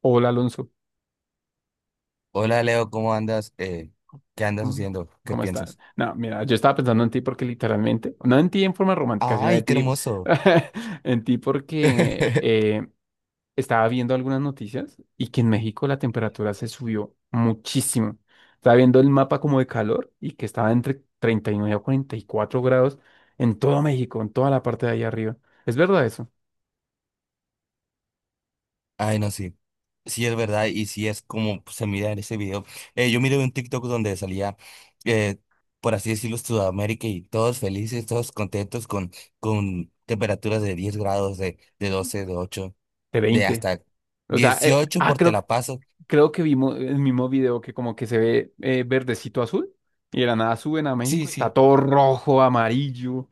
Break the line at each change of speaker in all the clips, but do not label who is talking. Hola Alonso.
Hola Leo, ¿cómo andas? ¿Qué andas
Mm,
haciendo? ¿Qué
¿Cómo estás?
piensas?
No, mira, yo estaba pensando en ti porque literalmente, no en ti en forma romántica, sino de
¡Ay, qué
ti,
hermoso!
en ti porque estaba viendo algunas noticias y que en México la temperatura se subió muchísimo. Estaba viendo el mapa como de calor y que estaba entre 39 a 44 grados en todo México, en toda la parte de ahí arriba. ¿Es verdad eso?
Ay, no, sí. Sí es verdad y sí es como pues, se mira en ese video. Yo miré un TikTok donde salía, eh, por así decirlo, Sudamérica y todos felices, todos contentos con temperaturas de 10 grados, de 12, de 8,
De
de
20.
hasta
O sea,
18 por Te
creo,
la paso.
creo que vimos el mismo video que como que se ve verdecito azul y de la nada suben a
Sí,
México y está
sí,
todo rojo, amarillo.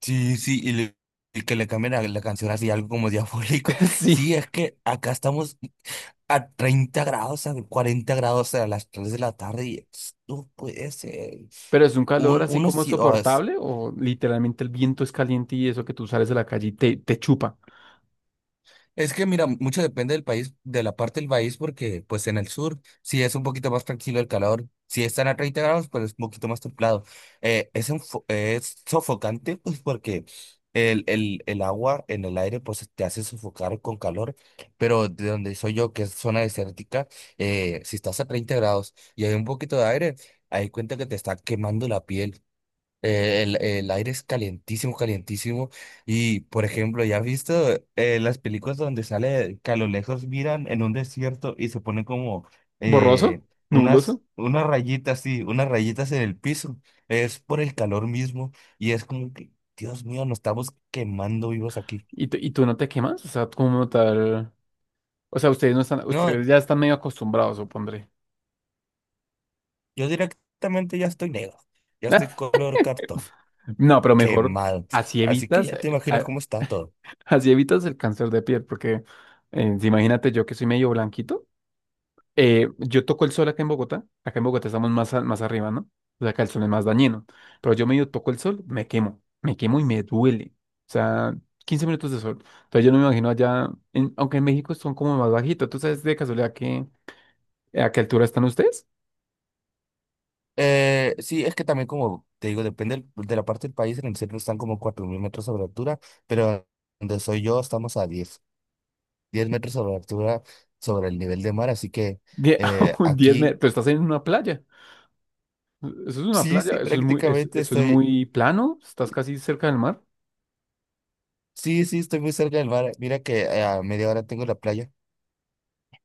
sí, sí, y, que le cambien la canción así, algo como diabólico.
Sí,
Sí, es que acá estamos a 30 grados, a 40 grados a las 3 de la tarde y no puede ser.
pero es un calor así como
Sí,
soportable o literalmente el viento es caliente y eso que tú sales de la calle y te chupa.
es que mira, mucho depende del país, de la parte del país, porque pues en el sur sí es un poquito más tranquilo el calor, si están a 30 grados, pues es un poquito más templado. Es sofocante, pues porque el agua en el aire pues te hace sofocar con calor, pero de donde soy yo, que es zona desértica, si estás a 30 grados y hay un poquito de aire, ahí cuenta que te está quemando la piel. El aire es calientísimo, calientísimo. Y, por ejemplo, ¿ya has visto las películas donde sale que a lo lejos miran en un desierto y se ponen como
Borroso,
eh, unas,
nubloso.
unas rayitas, sí, unas rayitas en el piso? Es por el calor mismo y es como que, Dios mío, nos estamos quemando vivos aquí.
Y tú no te quemas, o sea, como tal. O sea, ustedes no están,
No,
ustedes ya están medio acostumbrados, supondré.
yo directamente ya estoy negro, ya estoy color cartón,
No, pero mejor
quemado.
así
Así que
evitas,
ya te imaginas
a-
cómo está todo.
así evitas el cáncer de piel, porque si imagínate yo que soy medio blanquito, yo toco el sol acá en Bogotá estamos más arriba, ¿no? O sea, acá el sol es más dañino, pero yo medio toco el sol, me quemo y me duele. O sea, 15 minutos de sol. Entonces yo no me imagino allá, aunque en México son como más bajitos. ¿Tú sabes de casualidad que a qué altura están ustedes?
Sí, es que también como te digo, depende de la parte del país, en el centro están como 4.000 metros sobre altura, pero donde soy yo estamos a diez metros sobre altura sobre el nivel de mar, así que
Die- un 10
aquí
metros, pero estás en una playa. Eso es una
sí,
playa.
sí,
Eso es muy, es-
prácticamente
eso es
estoy,
muy plano, estás casi cerca del mar.
sí, sí, estoy muy cerca del mar, mira que a media hora tengo la playa.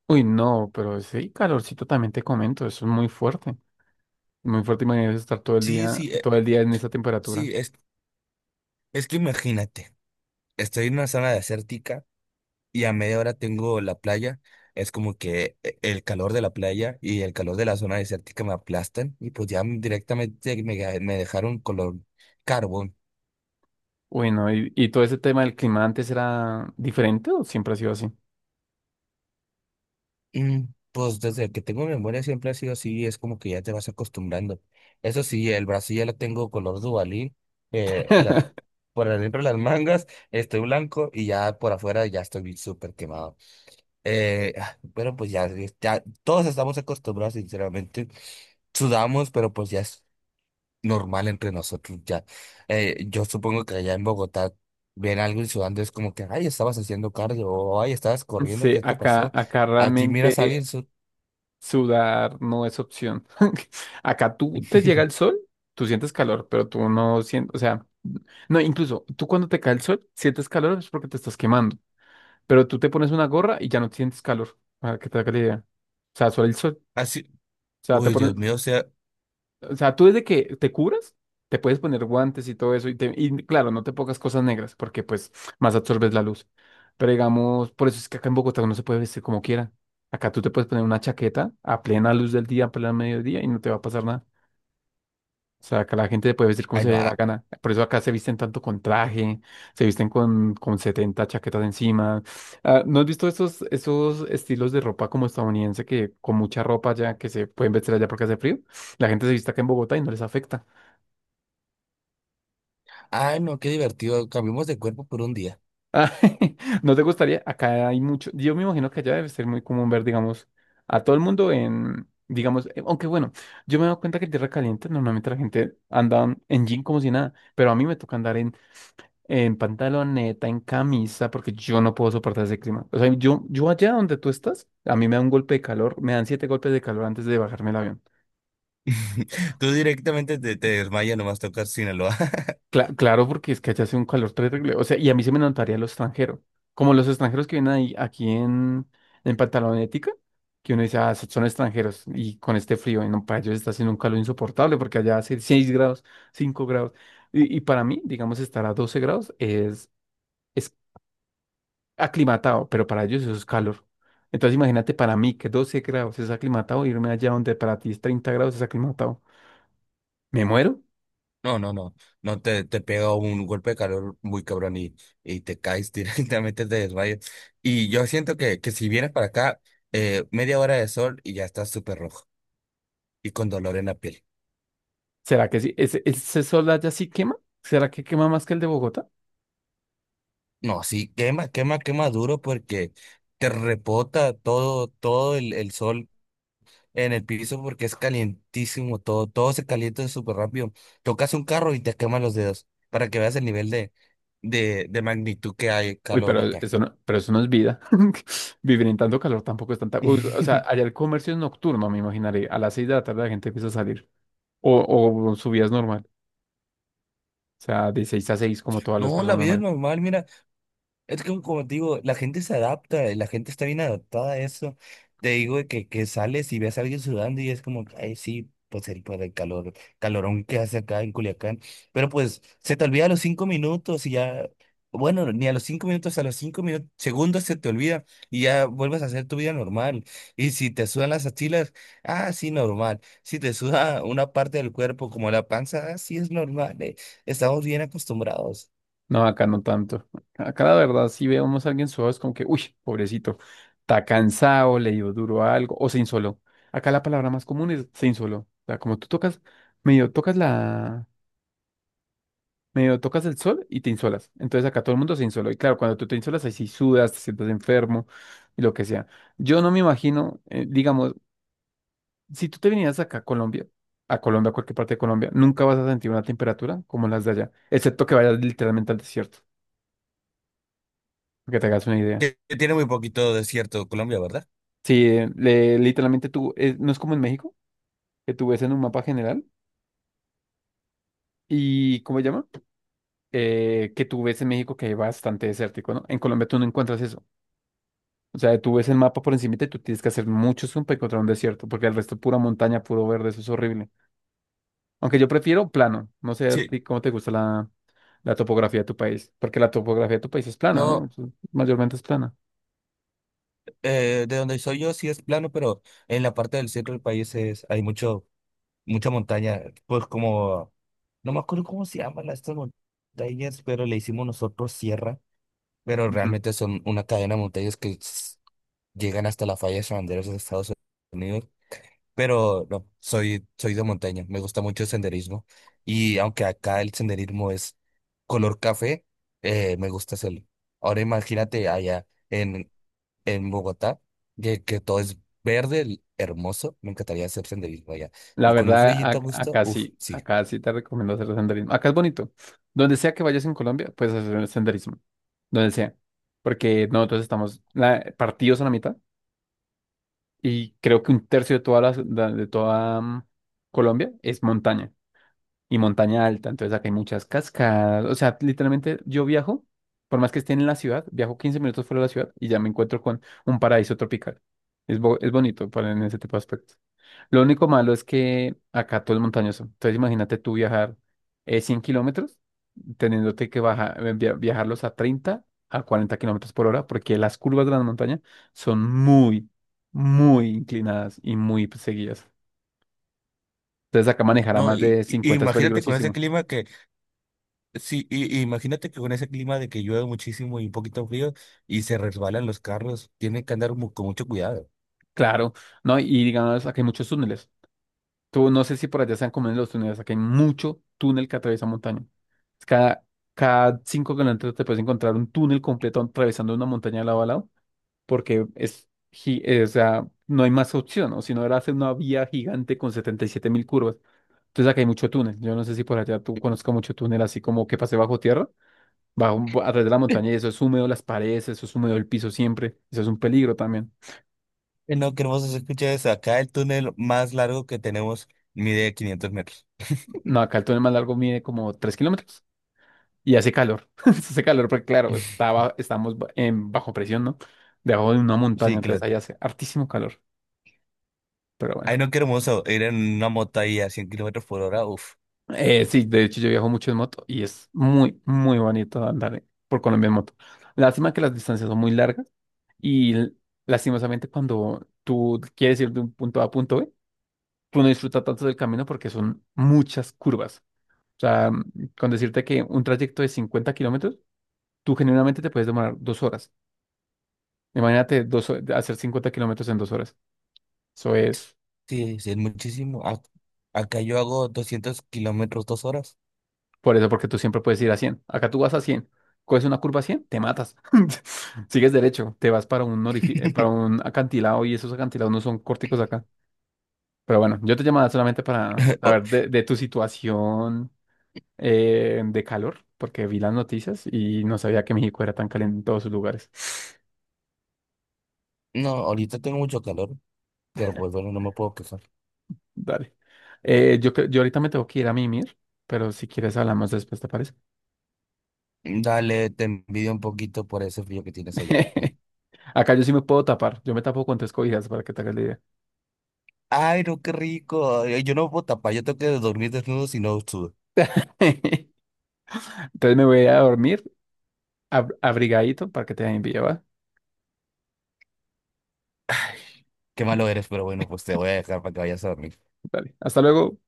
Uy, no, pero sí, calorcito también te comento, eso es muy fuerte. Muy fuerte, imagínate estar
Sí, sí,
todo el día en esa temperatura.
sí, es que imagínate, estoy en una zona desértica y a media hora tengo la playa. Es como que el calor de la playa y el calor de la zona desértica me aplastan y pues ya directamente me dejaron color carbón.
Bueno, y todo ese tema del clima antes era diferente o siempre ha sido así?
Mm, Pues desde que tengo memoria siempre ha sido así, es como que ya te vas acostumbrando. Eso sí, el brazo ya lo tengo color Duvalín, eh, las- por adentro las mangas estoy blanco y ya por afuera ya estoy súper quemado. Pero pues ya, todos estamos acostumbrados, sinceramente sudamos, pero pues ya normal entre nosotros ya. Yo supongo que allá en Bogotá ven algo y sudando es como que, ay, estabas haciendo cardio, o ay, estabas corriendo,
Sí,
¿qué te
acá,
pasó?
acá
Aquí miras a
realmente.
alguien.
Sudar no es opción. Acá tú te llega el sol, tú sientes calor, pero tú no sientes, o sea, no, incluso tú cuando te cae el sol, sientes calor es porque te estás quemando, pero tú te pones una gorra y ya no sientes calor, para que te haga la idea. O sea, solo el sol,
Así,
o sea, te
uy,
pones,
Dios mío, o sea,
o sea, tú desde que te cubras, te puedes poner guantes y todo eso. Y claro, no te pongas cosas negras porque pues más absorbes la luz. Pero digamos, por eso es que acá en Bogotá uno se puede vestir como quiera. Acá tú te puedes poner una chaqueta a plena luz del día, a plena mediodía y no te va a pasar nada. O sea, acá la gente te puede vestir como
ay,
se
no,
le dé la
ah,
gana. Por eso acá se visten tanto con traje, se visten con 70 chaquetas encima. Ah, ¿no has visto esos, esos estilos de ropa como estadounidense que con mucha ropa ya que se pueden vestir allá porque hace frío? La gente se viste acá en Bogotá y no les afecta.
ay, no, qué divertido, cambiamos de cuerpo por un día.
Ah, ¿no te gustaría? Acá hay mucho. Yo me imagino que allá debe ser muy común ver, digamos, a todo el mundo en, digamos, aunque bueno, yo me he dado cuenta que en Tierra Caliente normalmente la gente anda en jean como si nada, pero a mí me toca andar en pantaloneta, en camisa, porque yo no puedo soportar ese clima. O sea, yo allá donde tú estás, a mí me da un golpe de calor, me dan siete golpes de calor antes de bajarme el avión.
Tú directamente te desmayas, nomás tocar Sinaloa.
Claro, porque es que allá hace un calor terrible. O sea, y a mí se me notaría lo extranjero. Como los extranjeros que vienen ahí, aquí en Pantalonética, que uno dice: ah, son extranjeros. Y con este frío, y no, para ellos está haciendo un calor insoportable, porque allá hace 6 grados, 5 grados. Y para mí, digamos, estar a 12 grados es aclimatado, pero para ellos eso es calor. Entonces imagínate para mí que 12 grados es aclimatado, irme allá donde para ti es 30 grados es aclimatado. Me muero.
No, no, no, no te pega un golpe de calor muy cabrón y te caes. Directamente te desmayas. Y yo siento que si vienes para acá, media hora de sol y ya estás súper rojo y con dolor en la piel.
¿Será que sí? ¿Ese, ese sol allá sí quema? ¿Será que quema más que el de Bogotá?
No, sí, quema, quema, quema duro porque te repota todo, todo el sol en el piso porque es calientísimo todo, todo se calienta súper rápido. Tocas un carro y te queman los dedos para que veas el nivel de magnitud que hay
Uy,
calor acá.
pero eso no es vida. Vivir en tanto calor tampoco es tanta. Uy, o sea, allá el comercio es nocturno, me imaginaré. A las seis de la tarde la gente empieza a salir. O, o su vida es normal. O sea, de seis a seis, como todas las
No, la
personas
vida es
normales.
normal, mira, es que como te digo, la gente se adapta, la gente está bien adaptada a eso. Te digo de que sales y ves a alguien sudando y es como, ay, sí, pues por el calorón que hace acá en Culiacán. Pero pues se te olvida a los 5 minutos y ya, bueno, ni a los 5 minutos, a los 5 minutos, segundos se te olvida y ya vuelves a hacer tu vida normal. Y si te sudan las axilas, ah, sí, normal. Si te suda una parte del cuerpo como la panza, ah, sí, es normal. Estamos bien acostumbrados.
No, acá no tanto. Acá la verdad, si vemos a alguien suave, es como que, uy, pobrecito, está cansado, le dio duro a algo, o se insoló. Acá la palabra más común es se insoló. O sea, como tú tocas, medio tocas la medio tocas el sol y te insolas. Entonces acá todo el mundo se insoló. Y claro, cuando tú te insolas, ahí sí sudas, te sientes enfermo y lo que sea. Yo no me imagino, digamos, si tú te vinieras acá a Colombia, a Colombia, a cualquier parte de Colombia, nunca vas a sentir una temperatura como las de allá, excepto que vayas literalmente al desierto, para que te hagas una idea.
Que tiene muy poquito desierto Colombia, ¿verdad?
Sí, literalmente tú, no es como en México, que tú ves en un mapa general y, ¿cómo se llama? Que tú ves en México que hay bastante desértico, ¿no? En Colombia tú no encuentras eso. O sea, tú ves el mapa por encima y tú tienes que hacer mucho zoom para encontrar un desierto, porque el resto pura montaña, puro verde, eso es horrible. Aunque yo prefiero plano. No sé a
Sí.
ti cómo te gusta la topografía de tu país, porque la topografía de tu país es plana, ¿no?
No,
Eso mayormente es plana.
de donde soy yo sí es plano, pero en la parte del centro del país hay mucha montaña, pues como, no me acuerdo cómo se llaman estas montañas, pero le hicimos nosotros sierra, pero
Ujú.
realmente son una cadena de montañas que llegan hasta la falla de San Andrés de Estados Unidos. Pero no, soy de montaña, me gusta mucho el senderismo y aunque acá el senderismo es color café, me gusta hacerlo. Ahora imagínate allá en Bogotá, que todo es verde, hermoso, me encantaría hacer senderismo allá.
La
Y con un
verdad,
frillito a gusto, uff, sí.
acá sí te recomiendo hacer senderismo. Acá es bonito. Donde sea que vayas en Colombia, puedes hacer el senderismo. Donde sea. Porque nosotros estamos partidos a la mitad y creo que un tercio de toda la, de toda Colombia es montaña. Y montaña alta, entonces acá hay muchas cascadas, o sea, literalmente yo viajo, por más que esté en la ciudad, viajo 15 minutos fuera de la ciudad y ya me encuentro con un paraíso tropical. Es bonito para en ese tipo de aspectos. Lo único malo es que acá todo es montañoso, entonces imagínate tú viajar 100 kilómetros, teniéndote que viajarlos a 30 a 40 kilómetros por hora, porque las curvas de la montaña son muy, muy inclinadas y muy seguidas. Entonces acá manejar a
No,
más de 50 es
imagínate con ese
peligrosísimo.
clima. Sí, y imagínate que con ese clima de que llueve muchísimo y un poquito frío y se resbalan los carros, tienen que andar con mucho cuidado.
Claro, no, y digamos, aquí hay muchos túneles. Tú no sé si por allá sean comunes los túneles, aquí hay mucho túnel que atraviesa montaña. Cada, cada 5 kilómetros te puedes encontrar un túnel completo atravesando una montaña de lado a lado, porque es, o sea, no hay más opción, o si no era hacer una vía gigante con 77.000 curvas. Entonces acá hay mucho túnel. Yo no sé si por allá tú conozcas mucho túnel, así como que pasé bajo tierra, bajo, a través de la montaña, y eso es húmedo las paredes, eso es húmedo el piso siempre, eso es un peligro también.
No, qué hermoso se escucha eso. Acá el túnel más largo que tenemos mide 500 metros.
No, acá el túnel más largo mide como 3 kilómetros. Y hace calor. Hace calor porque, claro, está ba- estamos ba- en bajo presión, ¿no? Debajo de una montaña,
Sí,
entonces
claro.
ahí hace hartísimo calor. Pero bueno,
Ay, no, qué hermoso. Ir en una moto ahí a 100 kilómetros por hora. Uf.
sí, de hecho yo viajo mucho en moto y es muy, muy bonito andar por Colombia en moto. Lástima que las distancias son muy largas y lastimosamente cuando tú quieres ir de un punto A a punto B, tú no disfrutas tanto del camino porque son muchas curvas. O sea, con decirte que un trayecto de 50 kilómetros, tú generalmente te puedes demorar 2 horas. Imagínate hacer 50 kilómetros en 2 horas. Eso es
Sí, sí, es muchísimo. Acá yo hago 200 kilómetros, 2 horas.
por eso, porque tú siempre puedes ir a 100. Acá tú vas a 100. Coges una curva a 100, te matas. Sigues derecho, te vas para un para un acantilado y esos acantilados no son corticos acá. Pero bueno, yo te llamaba solamente para
O-
saber de tu situación de calor, porque vi las noticias y no sabía que México era tan caliente en todos sus lugares.
No, ahorita tengo mucho calor, pero pues bueno, no me puedo quejar.
Dale. Yo ahorita me tengo que ir a mimir, pero si quieres hablamos después, ¿te parece?
Dale, te envidio un poquito por ese frío que tienes allá. Mm.
Acá yo sí me puedo tapar. Yo me tapo con tres cobijas para que te hagas la idea.
Ay, no, qué rico. Ay, yo no puedo tapar, yo tengo que dormir desnudo si no sudo.
Entonces me voy a dormir abrigadito para que te envíe, ¿va?
Qué malo eres, pero bueno, pues te voy a dejar para que vayas a dormir.
Dale. Hasta luego.